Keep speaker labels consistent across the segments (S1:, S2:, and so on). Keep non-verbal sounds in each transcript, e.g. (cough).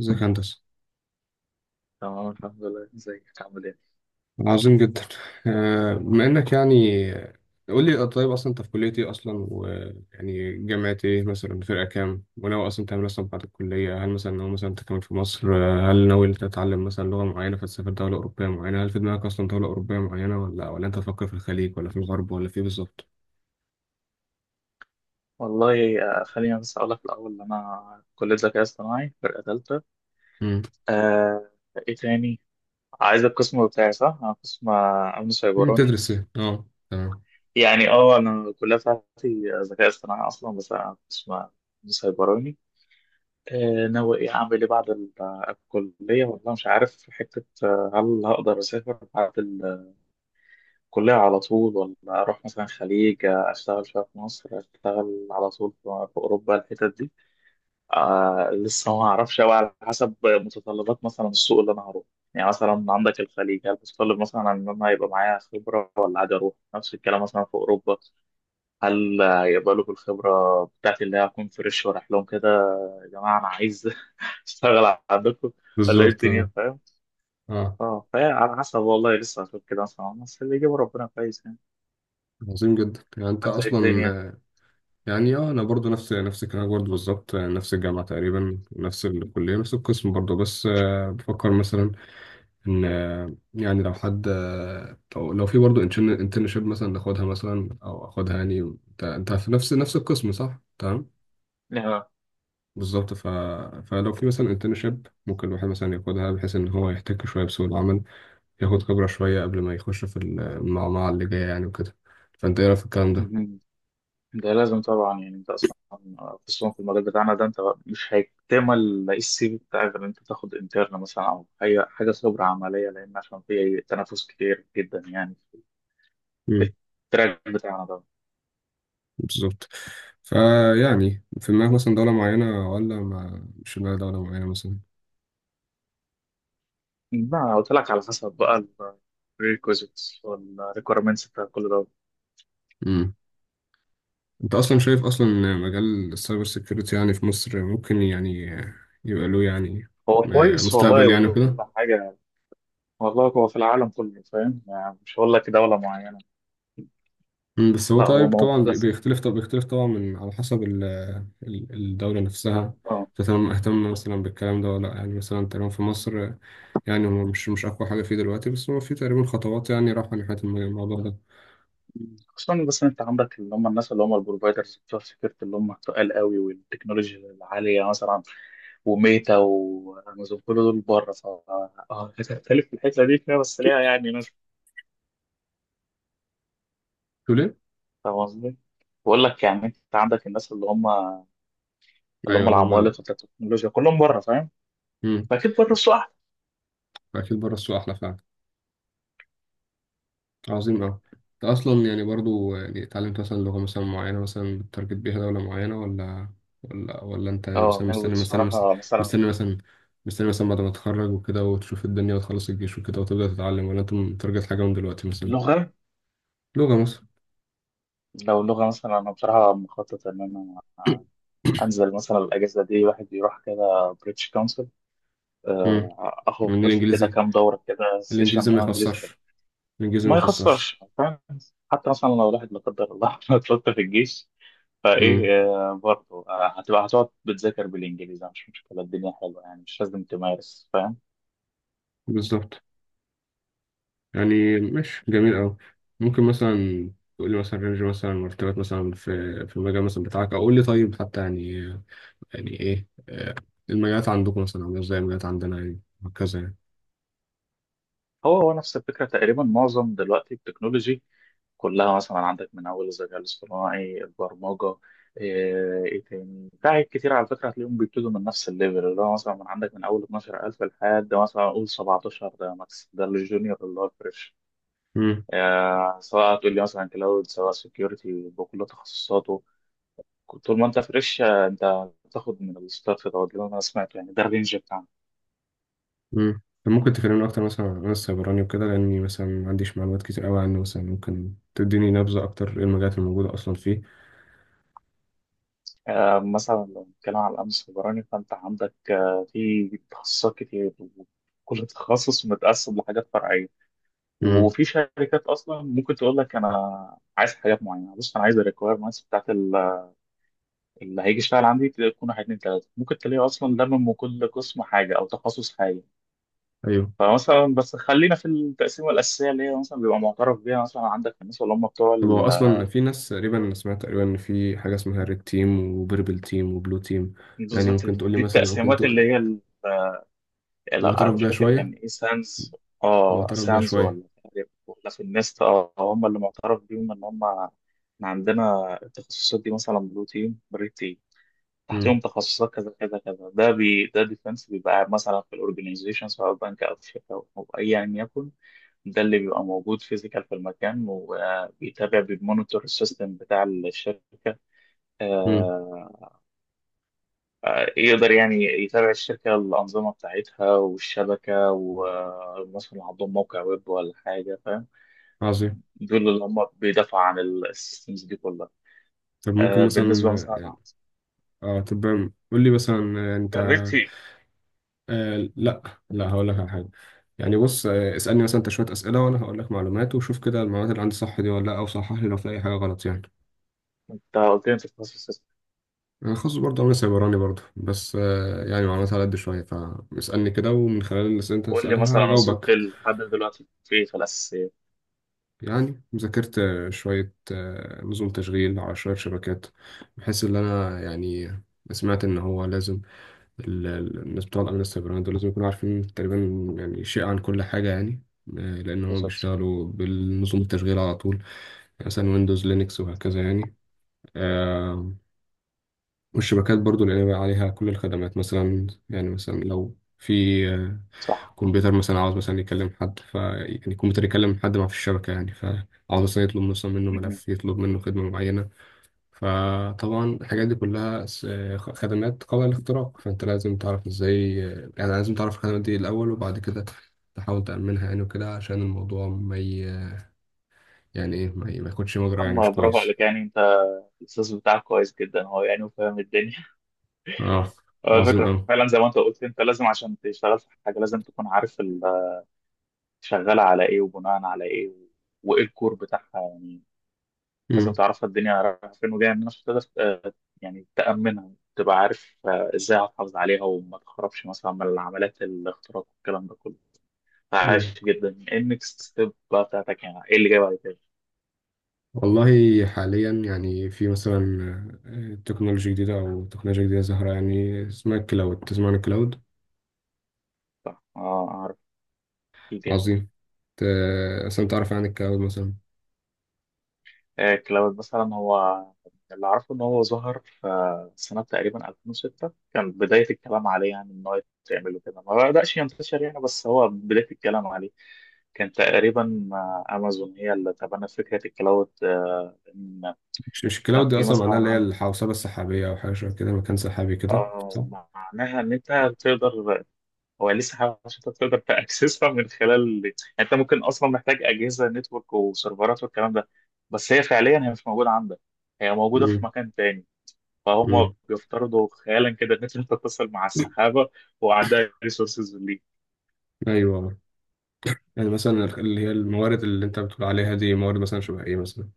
S1: ازيك يا هندسة.
S2: تمام الحمد لله، ازيك عامل ايه؟
S1: عظيم جدا. بما انك قول لي طيب، اصلا انت في كلية ايه اصلا، ويعني جامعة ايه مثلا، فرقة كام، وناوي اصلا تعمل إيه اصلا بعد الكلية؟ هل مثلا ناوي مثلا تكمل في مصر؟ هل ناوي تتعلم مثلا لغة معينة فتسافر دولة أوروبية معينة؟ هل في دماغك اصلا دولة أوروبية معينة، ولا انت تفكر في الخليج، ولا في الغرب، ولا في إيه بالظبط؟
S2: والله خليني بس اقول لك الاول ان انا كليه ذكاء اصطناعي فرقه ثالثه.
S1: مم.
S2: آه. ايه تاني؟ عايز القسم بتاعي صح؟ انا قسم امن
S1: مم،
S2: سيبراني.
S1: تدرس ايه؟ اه تمام.
S2: يعني اه انا الكليه بتاعتي ذكاء اصطناعي اصلا، بس انا قسم امن سيبراني. آه، ناوي ايه، اعمل ايه بعد الكليه؟ والله مش عارف. في حته هل هقدر اسافر بعد الكليه على طول، ولا اروح مثلا خليج اشتغل شويه في مصر، اشتغل على طول في اوروبا الحتت دي. آه، لسه ما اعرفش قوي، على حسب متطلبات مثلا السوق اللي انا هروح. يعني مثلا عندك الخليج، هل متطلب مثلا ان انا يبقى معايا خبره، ولا عادي اروح؟ نفس الكلام مثلا في اوروبا، هل يقبلوا بالخبره بتاعتي اللي هي هكون فريش ورايح لهم كده؟ يا جماعه انا عايز (laughs) اشتغل عندكم، ولا ايه
S1: بالظبط
S2: الدنيا،
S1: اه.
S2: فاهم؟
S1: اه.
S2: اه، فهي على حسب، والله لسه هشوف كده مثلا، بس اللي يجيبه ربنا كويس يعني.
S1: عظيم جدا. يعني انت
S2: انت ايه الدنيا؟
S1: اصلا، يعني اه انا برضو نفس الكلام برضو بالظبط. نفس الجامعه تقريبا، نفس الكليه، نفس القسم برضو، بس بفكر مثلا ان يعني لو حد، آه، لو في برضو انترنشيب مثلا ناخدها مثلا او اخدها يعني. انت انت في نفس القسم صح؟ تمام بالظبط. فلو في مثلا انترنشيب ممكن الواحد مثلا ياخدها بحيث ان هو يحتك شويه بسوق العمل، ياخد خبره شويه قبل ما يخش في المعمعه اللي جايه يعني وكده. فانت ايه رايك في
S2: آه.
S1: الكلام
S2: ده لازم طبعا، يعني انت اصلا خصوصا في المجال بتاعنا ده، انت مش هيكتمل السي في بتاعك غير ان انت تاخد انترن مثلا او اي حاجه خبره عمليه، لان عشان في تنافس كتير جدا يعني في
S1: ده؟
S2: التراك بتاعنا ده.
S1: بالظبط. فيعني في دماغك مثلا دولة معينة، ولا ما مش في دماغك دولة معينة مثلا؟
S2: ما قلت لك، على حسب بقى الريكوزيتس والريكويرمنتس بتاع كل ده.
S1: امم. انت اصلا شايف اصلا إن مجال السايبر سيكيورتي يعني في مصر ممكن يعني يبقى له يعني
S2: هو كويس والله
S1: مستقبل يعني
S2: وكل
S1: وكده؟
S2: حاجه. والله هو في العالم كله، فاهم يعني، مش هقول لك دوله معينه.
S1: أمم، بس هو
S2: لا، هو
S1: طيب، طبعا
S2: موجود أصلاً.
S1: بيختلف، طب بيختلف طبعا من على حسب الدولة نفسها
S2: آه.
S1: تهتم اهتم مثلا بالكلام ده ولا لأ. يعني مثلا تقريبا في مصر يعني هو مش اقوى حاجة فيه دلوقتي، بس هو في تقريبا خطوات يعني رايحة ناحية الموضوع ده.
S2: خصوصا بس إن انت عندك اللي هم الناس اللي هم البروفايدرز بتوع السكيورتي اللي هم تقال قوي والتكنولوجيا العاليه، مثلا وميتا وامازون كل دول بره، ف هتختلف في الحته دي، فيها بس ليها يعني ناس.
S1: تقول ايه؟
S2: فاهم قصدي؟ بقول لك يعني انت عندك الناس اللي هم اللي
S1: ايوه،
S2: هم العمالقه بتاعت التكنولوجيا كلهم بره، فاهم؟
S1: مم.
S2: فاكيد بره السوق احلى.
S1: فأكيد بره السوق أحلى فعلا. عظيم أوي. أنت أصلا يعني برضو يعني اتعلمت مثلا لغة مثلا معينة مثلا بتارجت بيها دولة معينة، ولا أنت يعني
S2: اه
S1: مثلا
S2: ناوي
S1: مستني مثلا،
S2: بصراحه مثلا
S1: مستني مثلا مستني مثلا بعد ما تتخرج وكده وتشوف الدنيا وتخلص الجيش وكده وتبدأ تتعلم، ولا أنت متارجت حاجة من دلوقتي مثلا؟
S2: لغه.
S1: لغة مثلا.
S2: لو لغه مثلا، انا بصراحه مخطط ان انا انزل مثلا الاجازه دي واحد يروح كده بريتش،
S1: (coughs) مم.
S2: اخد
S1: من
S2: لي كده
S1: الإنجليزي.
S2: كام دوره كده
S1: الإنجليزي
S2: سيشن
S1: ما
S2: انجليزي طبعا.
S1: يخسرش. الإنجليزي ما
S2: ما
S1: يخسرش.
S2: يخسرش، فاهم. حتى مثلا لو الواحد لا قدر الله (laughs) اتلطف في الجيش،
S1: مم.
S2: فايه برضه هتبقى هتقعد بتذاكر بالانجليزي، مش مشكله، الدنيا حلوه يعني، مش لازم تمارس، فاهم.
S1: بالظبط. يعني ماشي، جميل أوي. ممكن مثلا تقول لي مثلا رينج مثلا مرتبات مثلا في في المجال مثلا بتاعك، أو قول لي طيب، حتى يعني يعني إيه المجالات عندكم مثلا عاملة إزاي، المجالات عندنا يعني، وهكذا يعني.
S2: هو نفس الفكره تقريبا، معظم دلوقتي التكنولوجي كلها، مثلا عندك من اول الذكاء الاصطناعي، البرمجه، إيه تاني، في حاجات كتير على فكره هتلاقيهم بيبتدوا من نفس الليفل، اللي هو مثلا من عندك من اول 12000 لحد مثلا اقول 17، ده ماكس، ده الجونيور اللي هو الفريش.
S1: مم.
S2: سواء هتقول لي مثلا كلاود، سواء سكيورتي بكل تخصصاته، طول ما انت فريش انت هتاخد من الستارت دوت اللي انا سمعته يعني، ده الرينج بتاعنا.
S1: مم. طب ممكن تكلمني أكتر مثلا عن السيبراني وكده، لأني مثلا ما عنديش معلومات كتير أوي عنه. مثلا ممكن تديني نبذة أكتر، إيه المجالات الموجودة أصلا فيه؟
S2: مثلا لو بنتكلم على الامن السيبراني، فانت عندك في تخصصات كتير، وكل تخصص متقسم لحاجات فرعيه.
S1: مم.
S2: وفي شركات اصلا ممكن تقول لك انا عايز حاجات معينه، بص انا عايز الريكويرمنتس بتاعت اللي هيجي يشتغل عندي تكون واحد اتنين تلاته، ممكن تلاقيه اصلا لمم من كل قسم حاجه او تخصص حاجه.
S1: أيوه.
S2: فمثلا بس خلينا في التقسيمه الاساسيه اللي هي مثلا بيبقى معترف بيها، مثلا عندك الناس اللي هم بتوع
S1: طب هو أصلا في ناس، تقريبا أنا سمعت تقريبا إن في حاجة اسمها ريد تيم، وبيربل تيم، وبلو تيم. يعني
S2: بالظبط
S1: ممكن تقولي
S2: دي
S1: مثلا؟ ممكن
S2: التقسيمات اللي هي لا
S1: معترف
S2: مش
S1: بيها
S2: فاكر كان
S1: شوية.
S2: ايه، سانز. اه
S1: معترف بيها
S2: سانز
S1: شوية.
S2: ولا تقريباً، ولا في النست، اه هم اللي معترف بيهم ان هم إحنا عندنا التخصصات دي، مثلا بلو تيم
S1: مم.
S2: تحتهم تخصصات كذا كذا كذا، ده بي ده ديفنس بيبقى قاعد مثلا في الاورجنايزيشن سواء بنك او في شركه او ايا يكن، ده اللي بيبقى موجود فيزيكال في المكان، وبيتابع بيمونيتور السيستم بتاع الشركه.
S1: مم.
S2: آه، يقدر يعني يتابع الشركه، الانظمه بتاعتها والشبكه، ومثلا عندهم موقع ويب ولا حاجه، فاهم.
S1: عظيم.
S2: دول اللي هم بيدافعوا عن السيستمز دي كلها.
S1: طب ممكن مثلا،
S2: بالنسبه مثلا
S1: اه طب قول لي مثلا، انت.
S2: جربتي؟
S1: آه لا، لا هقول لك على حاجة. يعني بص، آه اسألني مثلا انت شوية أسئلة، وانا هقول لك معلومات، وشوف كده المعلومات اللي عندي صح دي ولا لا، او صحح لي لو في اي حاجة غلط يعني.
S2: انت قلت لي انت تخصص.
S1: انا خاص برضه، انا سايبراني برضه، بس آه يعني معلومات على قد شوية. فاسألني كده، ومن خلال الأسئلة اللي انت
S2: قول لي
S1: تسألها
S2: مثلا وصلت
S1: هجاوبك.
S2: لحد دلوقتي في إيه في الأساسيات؟
S1: يعني ذاكرت شوية نظم تشغيل، على شوية شبكات، بحيث إن أنا يعني سمعت إن هو لازم الناس بتوع الأمن السيبراني دول لازم يكونوا عارفين تقريبا يعني شيء عن كل حاجة يعني. لأن هم
S2: بالظبط.
S1: بيشتغلوا بالنظم التشغيل على طول، يعني مثلا ويندوز، لينكس، وهكذا يعني. آه، والشبكات برضو، لأن بقى عليها كل الخدمات مثلا. يعني مثلا لو في
S2: صح.
S1: كمبيوتر مثلا عاوز مثلا يكلم حد، ف يعني الكمبيوتر يكلم حد ما في الشبكة يعني، فعاوز مثلا يطلب مثلا منه
S2: مهم.
S1: ملف، يطلب منه خدمة معينة. فطبعا الحاجات دي كلها خدمات قابلة للاختراق، فأنت لازم تعرف ازاي. يعني لازم تعرف الخدمات دي الأول، وبعد كده تحاول تأمنها يعني وكده، عشان الموضوع ما ي... يعني ايه، ما ياخدش مجرى يعني مش
S2: أما برافو
S1: كويس.
S2: عليك، يعني أنت الأستاذ بتاعك كويس جدا هو يعني، وفاهم الدنيا.
S1: اه.
S2: (laughs) هو
S1: عظيم
S2: الفكرة
S1: أوي.
S2: فعلا زي ما أنت قلت، أنت لازم عشان تشتغل في حاجة لازم تكون عارف (laughs) شغالة على إيه، وبناء على إيه، وإيه الكور بتاعها يعني. لازم
S1: مم.
S2: تعرف الدنيا رايحة فين وجاية منين، عشان تقدر يعني تأمنها، تبقى عارف إزاي هتحافظ عليها وما تخربش مثلا من عمليات الاختراق والكلام ده كله.
S1: مم.
S2: عاش جدا. ايه النكست ستيب بقى بتاعتك، يعني ايه اللي جاي بعد كده؟
S1: والله حاليا يعني في مثلا تكنولوجيا جديدة، أو تكنولوجيا جديدة ظاهرة يعني، اسمها الكلاود. تسمع عن الكلاود؟
S2: اه اعرف، اكيد يعني.
S1: عظيم. ت- أصلا تعرف عن الكلاود مثلا؟
S2: كلاود مثلا، هو اللي اعرفه ان هو ظهر في سنه تقريبا 2006، كان بدايه الكلام عليه يعني ان هو يتعمل وكده، ما بداش ينتشر يعني بس هو بدايه الكلام عليه. كان تقريبا امازون هي اللي تبنت فكره الكلاود. ان
S1: مش مش
S2: كان
S1: الكلاود دي
S2: في
S1: أصلا
S2: مثلا
S1: معناها اللي هي
S2: عن
S1: الحوسبة السحابية، أو حاجة شبه كده، مكان سحابي كده،
S2: آه،
S1: صح؟
S2: معناها ان انت تقدر، هو لسه حاجة عشان انت تقدر تاكسسها من خلال، يعني انت ممكن اصلا محتاج اجهزه نتورك وسيرفرات والكلام ده، بس هي فعليا مش موجوده عندك، هي موجوده في
S1: مم.
S2: مكان تاني. فهم
S1: مم.
S2: بيفترضوا خيالا كده ان انت تتصل مع
S1: (coughs)
S2: السحابه، وعندها ريسورسز ليك.
S1: أيوه. يعني مثلا اللي هي الموارد اللي أنت بتقول عليها دي، موارد مثلا شبه إيه مثلا؟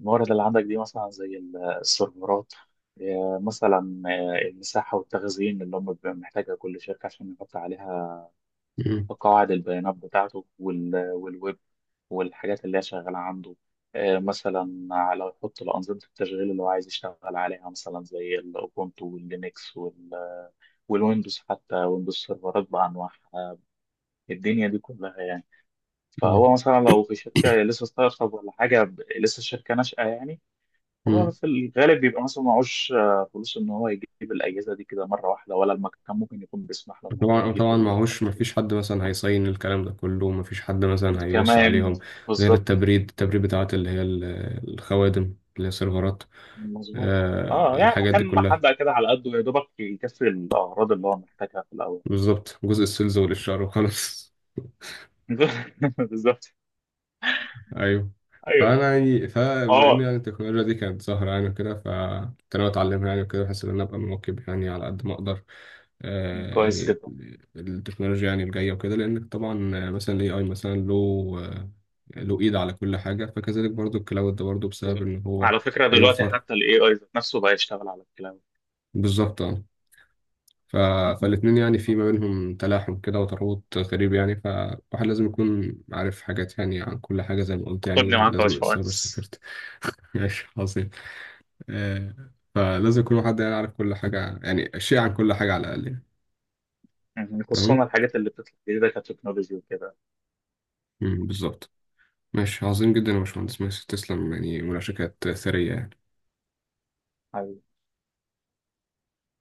S2: الموارد اللي عندك دي مثلا زي السيرفرات آه، مثلا آه، المساحه والتخزين اللي هم بيبقى محتاجها كل شركه عشان يحط عليها
S1: مم.
S2: قواعد البيانات بتاعته، والويب والحاجات اللي هي شغالة عنده. مثلا لو يحط الأنظمة التشغيل اللي هو عايز يشتغل عليها، مثلا زي الأوبونتو واللينكس والويندوز، حتى ويندوز سيرفرات بأنواعها، الدنيا دي كلها يعني.
S1: آه.
S2: فهو مثلا لو في شركة لسه ستارت اب ولا حاجة، لسه الشركة ناشئة يعني، فهو
S1: مم.
S2: في الغالب بيبقى مثلا معهوش فلوس إن هو يجيب الأجهزة دي كده مرة واحدة، ولا المكان ممكن يكون بيسمح له إن هو
S1: طبعا،
S2: يجيب
S1: وطبعا معهوش،
S2: الحاجات دي
S1: مفيش حد مثلا هيصين الكلام ده كله، مفيش حد مثلا هيبص
S2: كمان.
S1: عليهم، غير
S2: بالظبط.
S1: التبريد، التبريد بتاعت اللي هي الخوادم اللي هي السيرفرات.
S2: مظبوط. اه
S1: آه
S2: يعني
S1: الحاجات دي
S2: مكان
S1: كلها.
S2: محدق كده على قده، يا دوبك يكفي الاغراض اللي هو محتاجها في الاول.
S1: بالظبط، جزء السيلز والإشعار وخلاص.
S2: (laughs) بالظبط.
S1: ايوه.
S2: ايوه.
S1: فانا يعني فبما ان
S2: اه
S1: يعني التكنولوجيا دي كانت ظاهره يعني وكده، فكنت انا اتعلمها يعني وكده، بحيث ان انا ابقى مواكب يعني على قد ما اقدر
S2: كويس
S1: يعني
S2: جدا.
S1: التكنولوجيا يعني الجايه وكده، لان طبعا مثلا الاي اي مثلا له آه، له ايد على كل حاجه، فكذلك برضو الكلاود ده برضو بسبب ان هو
S2: على فكره دلوقتي
S1: بيوفر.
S2: حتى الاي اي ذات نفسه بقى يشتغل على الكلام.
S1: بالظبط اه. ف...
S2: (laughs) مهم.
S1: فالاتنين يعني في ما بينهم تلاحم كده وترابط غريب يعني، فالواحد لازم يكون عارف حاجات يعني عن كل حاجه، زي ما قلت يعني،
S2: خدني معاك يا
S1: لازم السايبر
S2: باشمهندس.
S1: سيكيورتي. (laughs) ماشي عظيم. آه، فلازم يكون واحد يعرف كل حاجة، يعني شيء عن كل حاجة على الأقل يعني.
S2: (laughs)
S1: تمام؟
S2: خصوصا الحاجات اللي بتطلع جديده كتكنولوجي وكده.
S1: مم، بالظبط. ماشي عظيم جدا يا باشمهندس، ماشي، تسلم، يعني مناقشة كانت ثرية يعني.
S2: أيوه.